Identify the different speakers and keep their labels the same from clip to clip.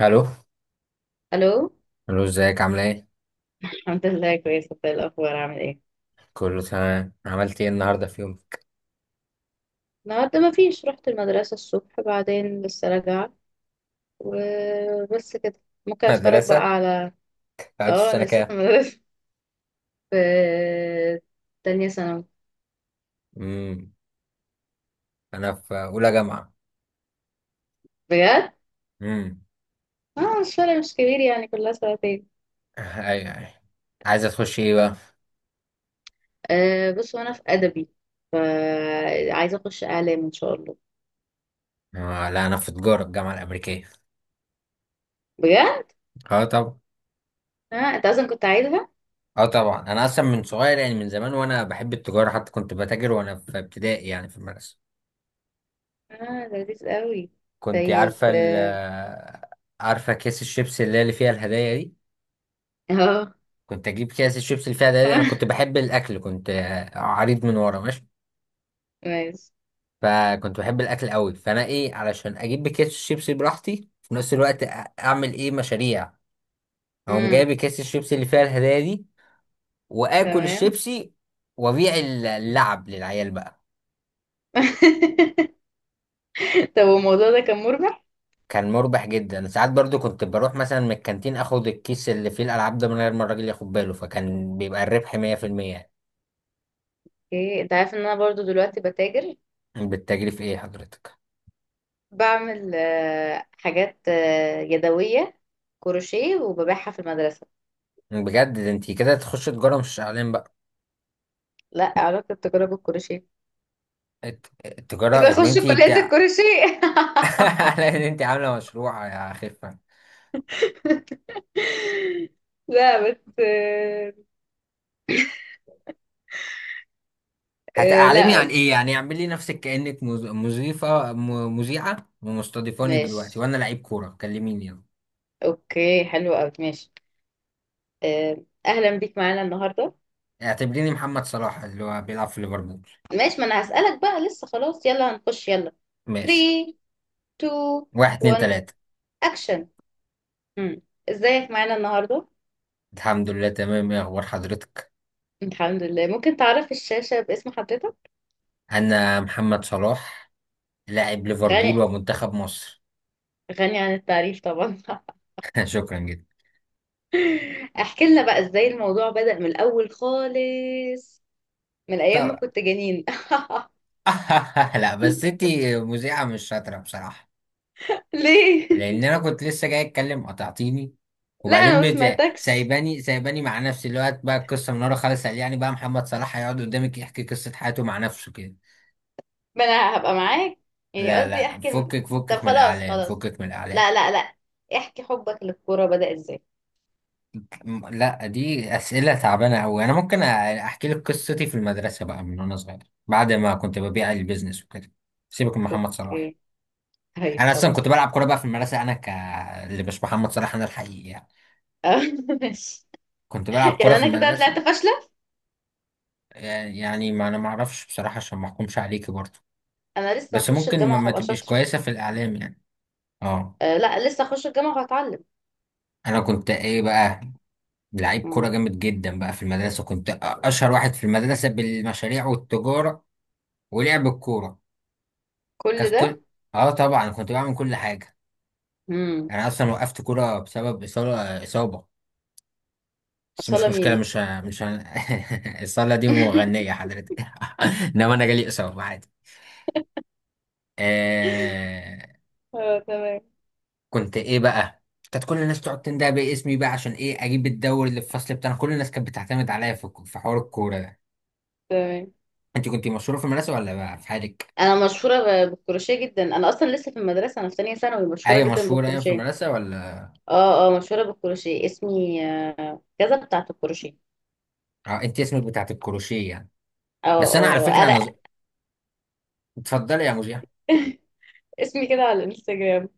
Speaker 1: الو.
Speaker 2: الو.
Speaker 1: الو، ازيك؟ عامله ايه؟
Speaker 2: الحمد لله كويسه، انت إيه الاخبار عامل ايه؟
Speaker 1: كله تمام. عملت ايه النهارده؟ في يوم
Speaker 2: النهارده ما فيش، رحت المدرسه الصبح، بعدين لسه راجعه وبس كده. ممكن اتفرج بقى
Speaker 1: مدرسه
Speaker 2: على
Speaker 1: قعدت في
Speaker 2: اه انا
Speaker 1: سنه
Speaker 2: لسه في
Speaker 1: كام؟
Speaker 2: المدرسه. في تانية ثانوي.
Speaker 1: امم انا في اولى جامعه.
Speaker 2: بجد.
Speaker 1: امم
Speaker 2: اه مش فارق، مش كبير يعني، كلها سنتين.
Speaker 1: ايوه ايوه، عايزه تخش ايه بقى؟
Speaker 2: أه، بص، وانا في ادبي، فعايزه اخش اعلام ان شاء الله.
Speaker 1: آه لا، انا في تجاره الجامعه الامريكيه.
Speaker 2: بجد.
Speaker 1: اه طبعا.
Speaker 2: اه، انت اصلا كنت عايزها.
Speaker 1: اه طبعا، انا اصلا من صغير يعني، من زمان وانا بحب التجاره، حتى كنت بتاجر وانا في ابتدائي يعني في المدرسه.
Speaker 2: اه، لذيذ قوي.
Speaker 1: كنت
Speaker 2: طيب.
Speaker 1: عارفه ال عارفه كيس الشيبس اللي هي اللي فيها الهدايا دي؟
Speaker 2: اه،
Speaker 1: كنت اجيب كيس الشيبس اللي فيها الهدايا دي،
Speaker 2: آه.
Speaker 1: انا كنت بحب الاكل، كنت عريض من ورا ماشي.
Speaker 2: ماشي.
Speaker 1: فكنت بحب الاكل قوي، فانا ايه علشان اجيب بكيس الشيبسي براحتي في نفس الوقت اعمل ايه مشاريع، اقوم
Speaker 2: امم.
Speaker 1: جايب كيس الشيبسي اللي فيها الهدايا دي واكل
Speaker 2: تمام.
Speaker 1: الشيبسي وابيع اللعب للعيال بقى.
Speaker 2: طب الموضوع ده كان مربح؟
Speaker 1: كان مربح جدا. ساعات برضو كنت بروح مثلا من الكانتين اخد الكيس اللي فيه الالعاب ده من غير ما الراجل ياخد باله، فكان بيبقى الربح 100%.
Speaker 2: ايه، انت عارف ان انا برضو دلوقتي بتاجر.
Speaker 1: يعني بالتجري في ايه حضرتك؟
Speaker 2: بعمل حاجات يدوية، كروشيه، وببيعها في المدرسة.
Speaker 1: بجد، ده انتي كده تخش تجارة مش اعلان بقى.
Speaker 2: لا، علاقة التجارة بالكروشيه؟ كده
Speaker 1: التجارة ان
Speaker 2: اخش
Speaker 1: انتي
Speaker 2: كلية
Speaker 1: بتاع...
Speaker 2: الكروشيه.
Speaker 1: على ان انتي عاملة مشروع يا خف.
Speaker 2: لا بس
Speaker 1: هتعلمي عن
Speaker 2: لا.
Speaker 1: ايه يعني؟ اعملي نفسك كأنك مذيعة ومستضيفاني دلوقتي
Speaker 2: ماشي.
Speaker 1: وانا لعيب كورة، كلميني يلا.
Speaker 2: اوكي حلو قوي. ماشي. اهلا بيك معانا النهارده.
Speaker 1: اعتبريني محمد صلاح اللي هو بيلعب في ليفربول.
Speaker 2: ماشي. ما انا هسألك بقى، لسه خلاص، يلا هنخش، يلا.
Speaker 1: ماشي.
Speaker 2: 3. 2.
Speaker 1: واحد اتنين
Speaker 2: 1.
Speaker 1: تلاتة.
Speaker 2: اكشن. ازيك معانا النهارده؟
Speaker 1: الحمد لله تمام، ايه اخبار حضرتك؟
Speaker 2: الحمد لله. ممكن تعرف الشاشة باسم حضرتك؟
Speaker 1: انا محمد صلاح، لاعب ليفربول
Speaker 2: غني
Speaker 1: ومنتخب مصر.
Speaker 2: غني عن التعريف طبعا.
Speaker 1: شكرا جدا.
Speaker 2: احكي لنا بقى ازاي الموضوع بدأ من الأول خالص، من أيام ما
Speaker 1: طب
Speaker 2: كنت جنين.
Speaker 1: لا بس انتي مذيعة مش شاطرة بصراحة.
Speaker 2: ليه؟
Speaker 1: لان انا كنت لسه جاي اتكلم قطعتيني،
Speaker 2: لا،
Speaker 1: وبعدين
Speaker 2: أنا ما سمعتكش.
Speaker 1: سايباني مع نفسي الوقت بقى القصه من ورا خالص. قال يعني بقى محمد صلاح هيقعد قدامك يحكي قصه حياته مع نفسه كده.
Speaker 2: ما أنا هبقى معاك. يعني
Speaker 1: لا
Speaker 2: قصدي
Speaker 1: لا،
Speaker 2: احكي
Speaker 1: فكك
Speaker 2: طب
Speaker 1: فكك من
Speaker 2: خلاص،
Speaker 1: الاعلام،
Speaker 2: خلاص.
Speaker 1: فكك من الاعلام.
Speaker 2: لا، لا، لا. احكي، حبك للكورة بدأ ازاي؟
Speaker 1: لا، دي اسئله تعبانه قوي. انا ممكن احكي لك قصتي في المدرسه بقى من وانا صغير، بعد ما كنت ببيع البيزنس وكده. سيبك من محمد صلاح.
Speaker 2: اوكي. طيب
Speaker 1: انا اصلا
Speaker 2: خلاص.
Speaker 1: كنت بلعب كوره بقى في المدرسه، انا ك اللي مش محمد صلاح، انا الحقيقي يعني.
Speaker 2: ماشي.
Speaker 1: كنت بلعب كوره
Speaker 2: يعني
Speaker 1: في
Speaker 2: أنا كده
Speaker 1: المدرسه.
Speaker 2: طلعت فاشلة.
Speaker 1: يعني ما انا ما اعرفش بصراحه، عشان ما احكمش عليكي برضه.
Speaker 2: أنا لسه
Speaker 1: بس
Speaker 2: هخش
Speaker 1: ممكن ما,
Speaker 2: الجامعة
Speaker 1: ما
Speaker 2: وهبقى
Speaker 1: تبقيش
Speaker 2: شاطرة.
Speaker 1: كويسه في الاعلام يعني. اه.
Speaker 2: أه لا، لسه هخش الجامعة وهتعلم.
Speaker 1: انا كنت ايه بقى؟ لعيب كوره
Speaker 2: مم.
Speaker 1: جامد جدا بقى في المدرسه، كنت اشهر واحد في المدرسه بالمشاريع والتجاره ولعب الكوره. كانت
Speaker 2: كل ده.
Speaker 1: كل... اه طبعا كنت بعمل كل حاجه.
Speaker 2: امم.
Speaker 1: انا اصلا وقفت كوره بسبب اصابه. بس مش
Speaker 2: أصالة
Speaker 1: مشكله،
Speaker 2: مين؟
Speaker 1: مش ه- مش ه- الصاله دي مغنيه حضرتك؟ انما انا جالي اصابه عادي. آه.
Speaker 2: اه، تمام،
Speaker 1: كنت ايه بقى؟ كانت كل الناس تقعد تندهب باسمي بقى، عشان ايه؟ اجيب الدوري اللي في الفصل بتاعنا، كل الناس كانت بتعتمد عليا في حوار الكوره ده.
Speaker 2: تمام.
Speaker 1: انت كنت مشهوره في المدرسه ولا بقى في حالك؟
Speaker 2: انا مشهوره بالكروشيه جدا. انا اصلا لسه في المدرسه، انا في تانية ثانوي، مشهوره
Speaker 1: ايوه
Speaker 2: جدا
Speaker 1: مشهوره، ايوه في
Speaker 2: بالكروشيه.
Speaker 1: المدرسه ولا.
Speaker 2: اه، اه، مشهوره بالكروشيه. اسمي كذا بتاعه الكروشيه.
Speaker 1: اه انت اسمك بتاعت الكروشيه يعني.
Speaker 2: اه،
Speaker 1: بس انا على
Speaker 2: اه، آه.
Speaker 1: فكره
Speaker 2: انا.
Speaker 1: اتفضلي يا مذيع.
Speaker 2: اسمي كده على الانستجرام.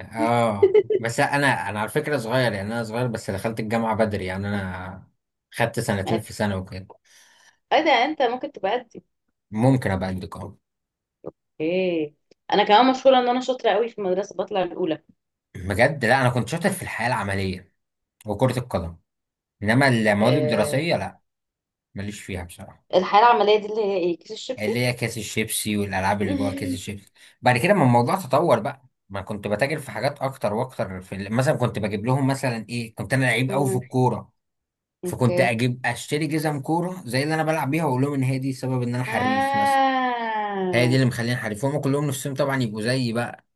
Speaker 1: اه بس انا على فكره صغير يعني، انا صغير بس دخلت الجامعه بدري يعني، انا خدت سنتين في سنه وكده.
Speaker 2: ايه ده، انت ممكن تبقى قدي؟
Speaker 1: ممكن ابقى قدك اه.
Speaker 2: ايه، انا كمان مشهوره ان انا شاطره قوي في المدرسه، بطلع الاولى.
Speaker 1: بجد، لا انا كنت شاطر في الحياه العمليه وكره القدم، انما المواد
Speaker 2: آه.
Speaker 1: الدراسيه لا، ماليش فيها بصراحه.
Speaker 2: الحياه العمليه دي اللي هي ايه، كيس الشيبسي؟
Speaker 1: اللي هي كيس الشيبسي والالعاب اللي جوه كيس الشيبسي. بعد كده ما الموضوع تطور بقى، ما كنت بتاجر في حاجات اكتر واكتر في مثلا كنت بجيب لهم مثلا ايه، كنت انا لعيب قوي في
Speaker 2: مم،
Speaker 1: الكوره، فكنت
Speaker 2: اوكي.
Speaker 1: اجيب اشتري جزم كوره زي اللي انا بلعب بيها واقول لهم ان هي دي سبب ان انا حريف مثلا. هي دي
Speaker 2: آه.
Speaker 1: اللي مخليني حريف، هم كلهم نفسهم طبعا يبقوا زيي بقى.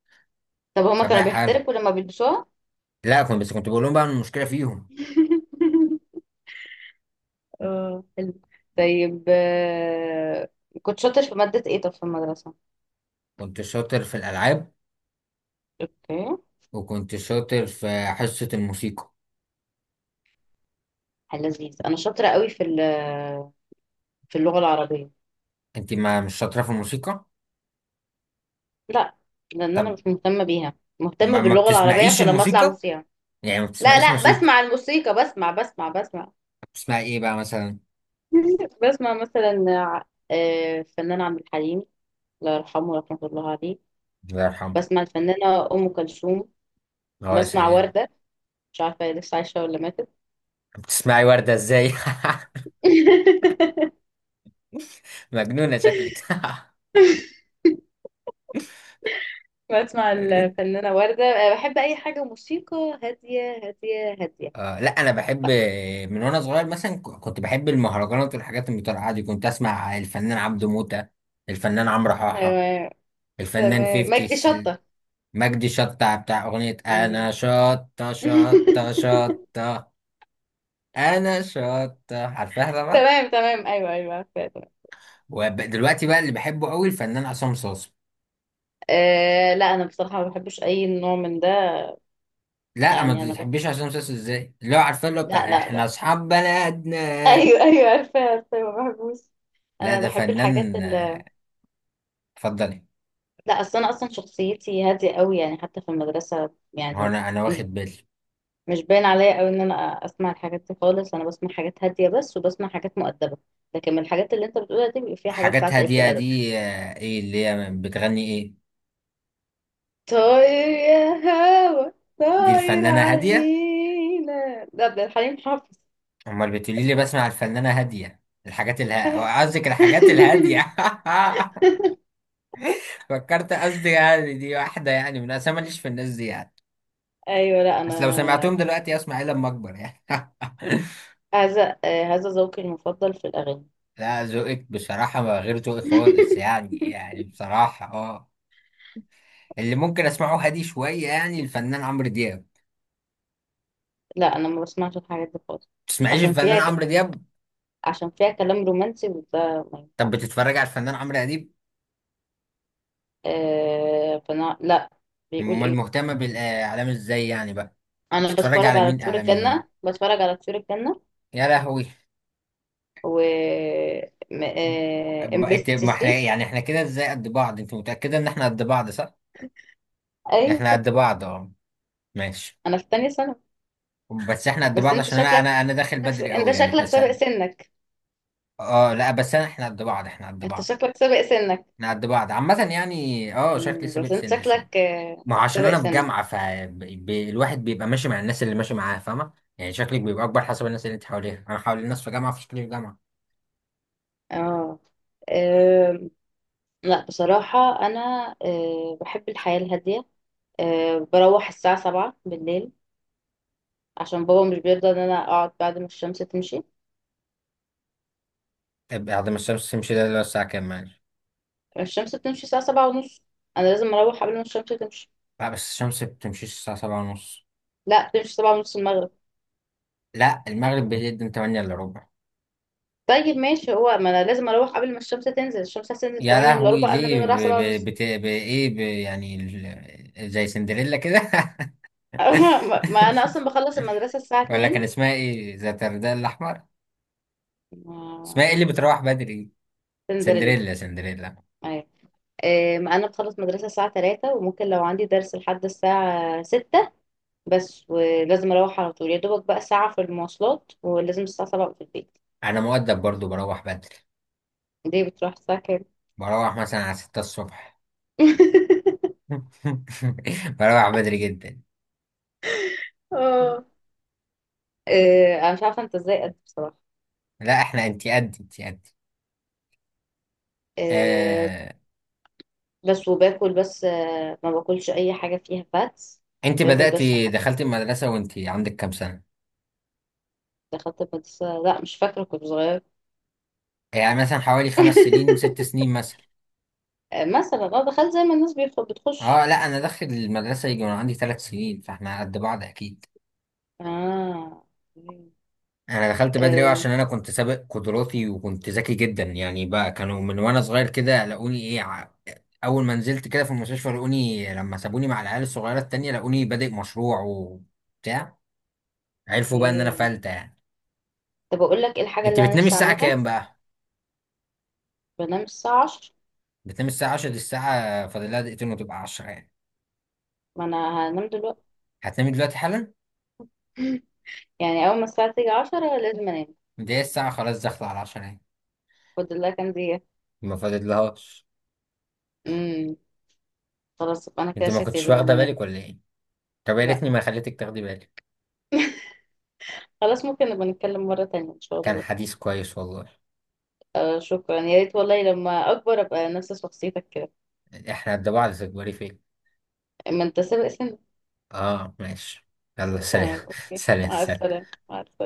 Speaker 2: طب هما كانوا
Speaker 1: فبقى حال...
Speaker 2: بيحترقوا لما بيلبسوها؟
Speaker 1: لا كنت بس كنت بقول لهم بقى إن المشكله فيهم.
Speaker 2: اه، حلو. طيب كنت شاطر في مادة ايه طب في المدرسة؟
Speaker 1: كنت شاطر في الالعاب،
Speaker 2: اوكي.
Speaker 1: وكنت شاطر في حصه الموسيقى.
Speaker 2: حل لذيذ. انا شاطرة قوي في في اللغة العربية.
Speaker 1: انت ما مش شاطره في الموسيقى؟
Speaker 2: لا، لان انا
Speaker 1: طب
Speaker 2: مش مهتمة بيها. مهتمة
Speaker 1: ما
Speaker 2: باللغة العربية
Speaker 1: بتسمعيش
Speaker 2: عشان لما اطلع
Speaker 1: الموسيقى؟
Speaker 2: موسيقى.
Speaker 1: يعني ما
Speaker 2: لا،
Speaker 1: بتسمعيش
Speaker 2: لا،
Speaker 1: موسيقى؟
Speaker 2: بسمع الموسيقى. بسمع.
Speaker 1: بتسمعي ايه بقى مثلا؟
Speaker 2: بسمع مثلا الفنان عبد الحليم، الله يرحمه ورحمة الله عليه.
Speaker 1: الله يرحمه.
Speaker 2: بسمع الفنانة أم كلثوم.
Speaker 1: اه يا
Speaker 2: بسمع
Speaker 1: سلام.
Speaker 2: وردة، مش عارفة هي لسه عايشة ولا ماتت.
Speaker 1: بتسمعي وردة ازاي؟ مجنونة شكلك.
Speaker 2: بسمع الفنانة وردة. بحب أي حاجة موسيقى هادية هادية هادية.
Speaker 1: آه لا انا بحب، من وانا صغير مثلا كنت بحب المهرجانات والحاجات المترقعه دي. كنت اسمع الفنان عبده موتة، الفنان عمرو
Speaker 2: أيوة،
Speaker 1: حاحه،
Speaker 2: أيوة.
Speaker 1: الفنان
Speaker 2: تمام.
Speaker 1: 50
Speaker 2: مجدي شطة.
Speaker 1: مجدي شطة بتاع اغنية
Speaker 2: مم.
Speaker 1: انا شطة شطة شطة. انا شطة عارفاها طبعا.
Speaker 2: تمام، تمام، أيوة، أيوه، عارفة، تمام.
Speaker 1: ودلوقتي بقى اللي بحبه قوي الفنان عصام صاصا.
Speaker 2: أه لا، أنا بصراحة ما بحبش أي نوع من ده.
Speaker 1: لا ما
Speaker 2: يعني أنا بح...
Speaker 1: تحبيش عصام صاصا ازاي؟ اللي هو عارفاه اللي هو
Speaker 2: لا،
Speaker 1: بتاع
Speaker 2: لا،
Speaker 1: احنا
Speaker 2: لا.
Speaker 1: اصحاب بلدنا.
Speaker 2: أيوة، أيوة، عارفة، عارفة، ما بحبوش.
Speaker 1: لا
Speaker 2: أنا
Speaker 1: ده
Speaker 2: بحب الحاجات
Speaker 1: فنان.
Speaker 2: اللي...
Speaker 1: اتفضلي.
Speaker 2: لا، أصل أنا أصلا شخصيتي هادية قوي يعني، حتى في المدرسة
Speaker 1: هو
Speaker 2: يعني.
Speaker 1: انا واخد
Speaker 2: مش
Speaker 1: بالي.
Speaker 2: مش باين عليا قوي ان انا اسمع الحاجات دي خالص. انا بسمع حاجات هاديه بس، وبسمع حاجات مؤدبه. لكن من الحاجات اللي انت بتقولها دي بيبقى فيها حاجات
Speaker 1: حاجات
Speaker 2: ساعات قلة
Speaker 1: هاديه دي،
Speaker 2: الادب.
Speaker 1: ايه اللي هي بتغني ايه؟
Speaker 2: طاير يا هوا،
Speaker 1: دي
Speaker 2: طاير
Speaker 1: الفنانه
Speaker 2: على
Speaker 1: هاديه؟
Speaker 2: المينا، ده عبد الحليم حافظ.
Speaker 1: امال بتقولي لي بسمع الفنانه هاديه؟ الحاجات الها قصدك الحاجات الهاديه. فكرت قصدي يعني دي واحده، يعني من انا ماليش في الناس دي يعني.
Speaker 2: ايوه، لا
Speaker 1: بس لو
Speaker 2: انا
Speaker 1: سمعتهم دلوقتي اسمع ايه لما اكبر يعني؟
Speaker 2: هذا ذوقي المفضل في الاغاني.
Speaker 1: لا ذوقك بصراحة ما غير ذوقي خالص يعني. يعني بصراحة اه اللي ممكن اسمعه هادي شوية يعني الفنان عمرو دياب.
Speaker 2: لا، انا ما بسمعش الحاجات دي خالص.
Speaker 1: تسمعيش
Speaker 2: عشان
Speaker 1: الفنان
Speaker 2: فيها ك...
Speaker 1: عمرو دياب؟
Speaker 2: عشان فيها كلام رومانسي وده ما
Speaker 1: طب
Speaker 2: ينفعش.
Speaker 1: بتتفرج على الفنان عمرو اديب؟
Speaker 2: آه، فانا لا. بيقول
Speaker 1: امال
Speaker 2: ايه؟
Speaker 1: مهتمة بالاعلام ازاي يعني بقى؟
Speaker 2: انا
Speaker 1: بتتفرج
Speaker 2: بتفرج
Speaker 1: على
Speaker 2: على
Speaker 1: مين
Speaker 2: طيور
Speaker 1: اعلاميين؟
Speaker 2: الجنة، بتفرج على طيور الجنة.
Speaker 1: يا لهوي!
Speaker 2: و ام بي سي
Speaker 1: ما احنا
Speaker 2: 3.
Speaker 1: يعني احنا كده ازاي قد بعض. انت متأكدة ان احنا قد بعض؟ صح، احنا
Speaker 2: ايوه.
Speaker 1: قد بعض اه. ماشي.
Speaker 2: انا في تانية ثانوي.
Speaker 1: بس احنا قد
Speaker 2: بس
Speaker 1: بعض
Speaker 2: انت
Speaker 1: عشان انا،
Speaker 2: شكلك
Speaker 1: انا داخل بدري
Speaker 2: انت
Speaker 1: قوي يعني
Speaker 2: شكلك
Speaker 1: بس
Speaker 2: سابق
Speaker 1: انا...
Speaker 2: سنك.
Speaker 1: اه لا بس انا احنا قد بعض، احنا قد
Speaker 2: انت
Speaker 1: بعض
Speaker 2: شكلك سابق سنك.
Speaker 1: احنا قد بعض عامة يعني. اه شكلي
Speaker 2: مم،
Speaker 1: سابق
Speaker 2: بس انت
Speaker 1: سني شوية،
Speaker 2: شكلك
Speaker 1: ما هو عشان
Speaker 2: سابق
Speaker 1: انا في
Speaker 2: سنك.
Speaker 1: جامعة فالواحد بيبقى ماشي مع الناس اللي ماشي معاها، فاهمة يعني؟ شكلك بيبقى اكبر حسب الناس اللي انت حواليها. انا حوالي الناس في جامعة فشكلي في جامعة.
Speaker 2: اه. آم. لا بصراحة انا بحب الحياة الهادية. بروح الساعة سبعة بالليل، عشان بابا مش بيرضى ان انا اقعد بعد ما الشمس تمشي.
Speaker 1: طيب، بعد ما الشمس تمشي ده اللي هو الساعة كام معلش؟
Speaker 2: الشمس بتمشي الساعة سبعة ونص. انا لازم اروح قبل ما الشمس تمشي.
Speaker 1: لا بس الشمس بتمشيش الساعة 7:30.
Speaker 2: لا، تمشي سبعة ونص المغرب.
Speaker 1: لا المغرب بيقدم من 8 الا ربع.
Speaker 2: طيب ماشي. هو ما انا لازم اروح قبل ما الشمس تنزل، الشمس هتنزل
Speaker 1: يا
Speaker 2: 8 الا
Speaker 1: لهوي
Speaker 2: ربع، انا لازم
Speaker 1: ليه؟
Speaker 2: اروح
Speaker 1: ب...
Speaker 2: 7 ونص.
Speaker 1: ايه يعني زي سندريلا كده؟
Speaker 2: ما انا اصلا بخلص المدرسة الساعة
Speaker 1: ولا كان
Speaker 2: 2.
Speaker 1: اسمها ايه ذات الرداء الاحمر؟ اسمها
Speaker 2: ما-
Speaker 1: ايه اللي بتروح بدري؟
Speaker 2: سندريلا.
Speaker 1: سندريلا، سندريلا.
Speaker 2: ايوه. ما انا بخلص مدرسة الساعة 3، وممكن لو عندي درس لحد الساعة 6. بس ولازم اروح على طول، يا دوبك بقى ساعة في المواصلات، ولازم الساعة 7 أبقى في البيت.
Speaker 1: انا مؤدب برضو بروح بدري.
Speaker 2: ليه بتروح الساعة كام؟
Speaker 1: بروح مثلا على 6 الصبح. بروح بدري جدا.
Speaker 2: اه. انا مش عارفة انت ازاي قد إيه بصراحة.
Speaker 1: لا احنا، انتي قد، انتي قد...
Speaker 2: آه،
Speaker 1: آه...
Speaker 2: بس وباكل بس، ما باكلش اي حاجه فيها فاتس.
Speaker 1: انتي
Speaker 2: باكل بس
Speaker 1: بدأتي
Speaker 2: حاجات.
Speaker 1: دخلتي المدرسة وانتي عندك كام سنة؟
Speaker 2: دخلت المدرسه، لا مش فاكره، كنت صغيره.
Speaker 1: يعني مثلا حوالي 5 سنين 6 سنين مثلا.
Speaker 2: مثلا اه دخلت زي ما الناس بتخش.
Speaker 1: اه لا انا داخل المدرسة يجي وانا عندي 3 سنين، فاحنا قد بعض اكيد.
Speaker 2: اه. مم.
Speaker 1: انا دخلت بدري أوي
Speaker 2: آه،
Speaker 1: عشان انا كنت سابق قدراتي وكنت ذكي جدا يعني بقى. كانوا من وانا صغير كده لقوني ايه اول ما نزلت كده في المستشفى لقوني. لما سابوني مع العيال الصغيره التانية لقوني بادئ مشروع وبتاع. عرفوا بقى ان انا
Speaker 2: اوكي.
Speaker 1: فلتة يعني.
Speaker 2: طب اقول لك ايه الحاجه
Speaker 1: انت
Speaker 2: اللي انا
Speaker 1: بتنامي
Speaker 2: نفسي
Speaker 1: الساعه
Speaker 2: اعملها؟
Speaker 1: كام بقى؟
Speaker 2: بنام الساعه 10.
Speaker 1: بتنامي الساعه 10؟ دي الساعه فاضل لها دقيقتين وتبقى 10 يعني.
Speaker 2: ما انا هنام دلوقتي.
Speaker 1: هتنامي دلوقتي حالا؟
Speaker 2: يعني اول ما الساعه تيجي 10 لازم انام.
Speaker 1: دي الساعه خلاص داخله على 10 يعني،
Speaker 2: خد الله كان دي.
Speaker 1: ما فاضلهاش.
Speaker 2: امم. خلاص، يبقى انا كده
Speaker 1: انت ما
Speaker 2: شكلي
Speaker 1: كنتش
Speaker 2: لازم
Speaker 1: واخده
Speaker 2: انام.
Speaker 1: بالك ولا ايه؟ طب يا
Speaker 2: لا،
Speaker 1: ريتني ما خليتك تاخدي بالك.
Speaker 2: خلاص. ممكن نبقى نتكلم مره تانية ان شاء
Speaker 1: كان
Speaker 2: الله.
Speaker 1: حديث كويس والله.
Speaker 2: آه، شكرا، يا ريت والله لما اكبر ابقى نفس شخصيتك كده.
Speaker 1: احنا قد بعض، تكبري فين؟
Speaker 2: اما انت سابق سن.
Speaker 1: اه ماشي، يلا
Speaker 2: تمام،
Speaker 1: سلام.
Speaker 2: اوكي.
Speaker 1: سلام
Speaker 2: مع
Speaker 1: سلام.
Speaker 2: السلامه، مع السلامه.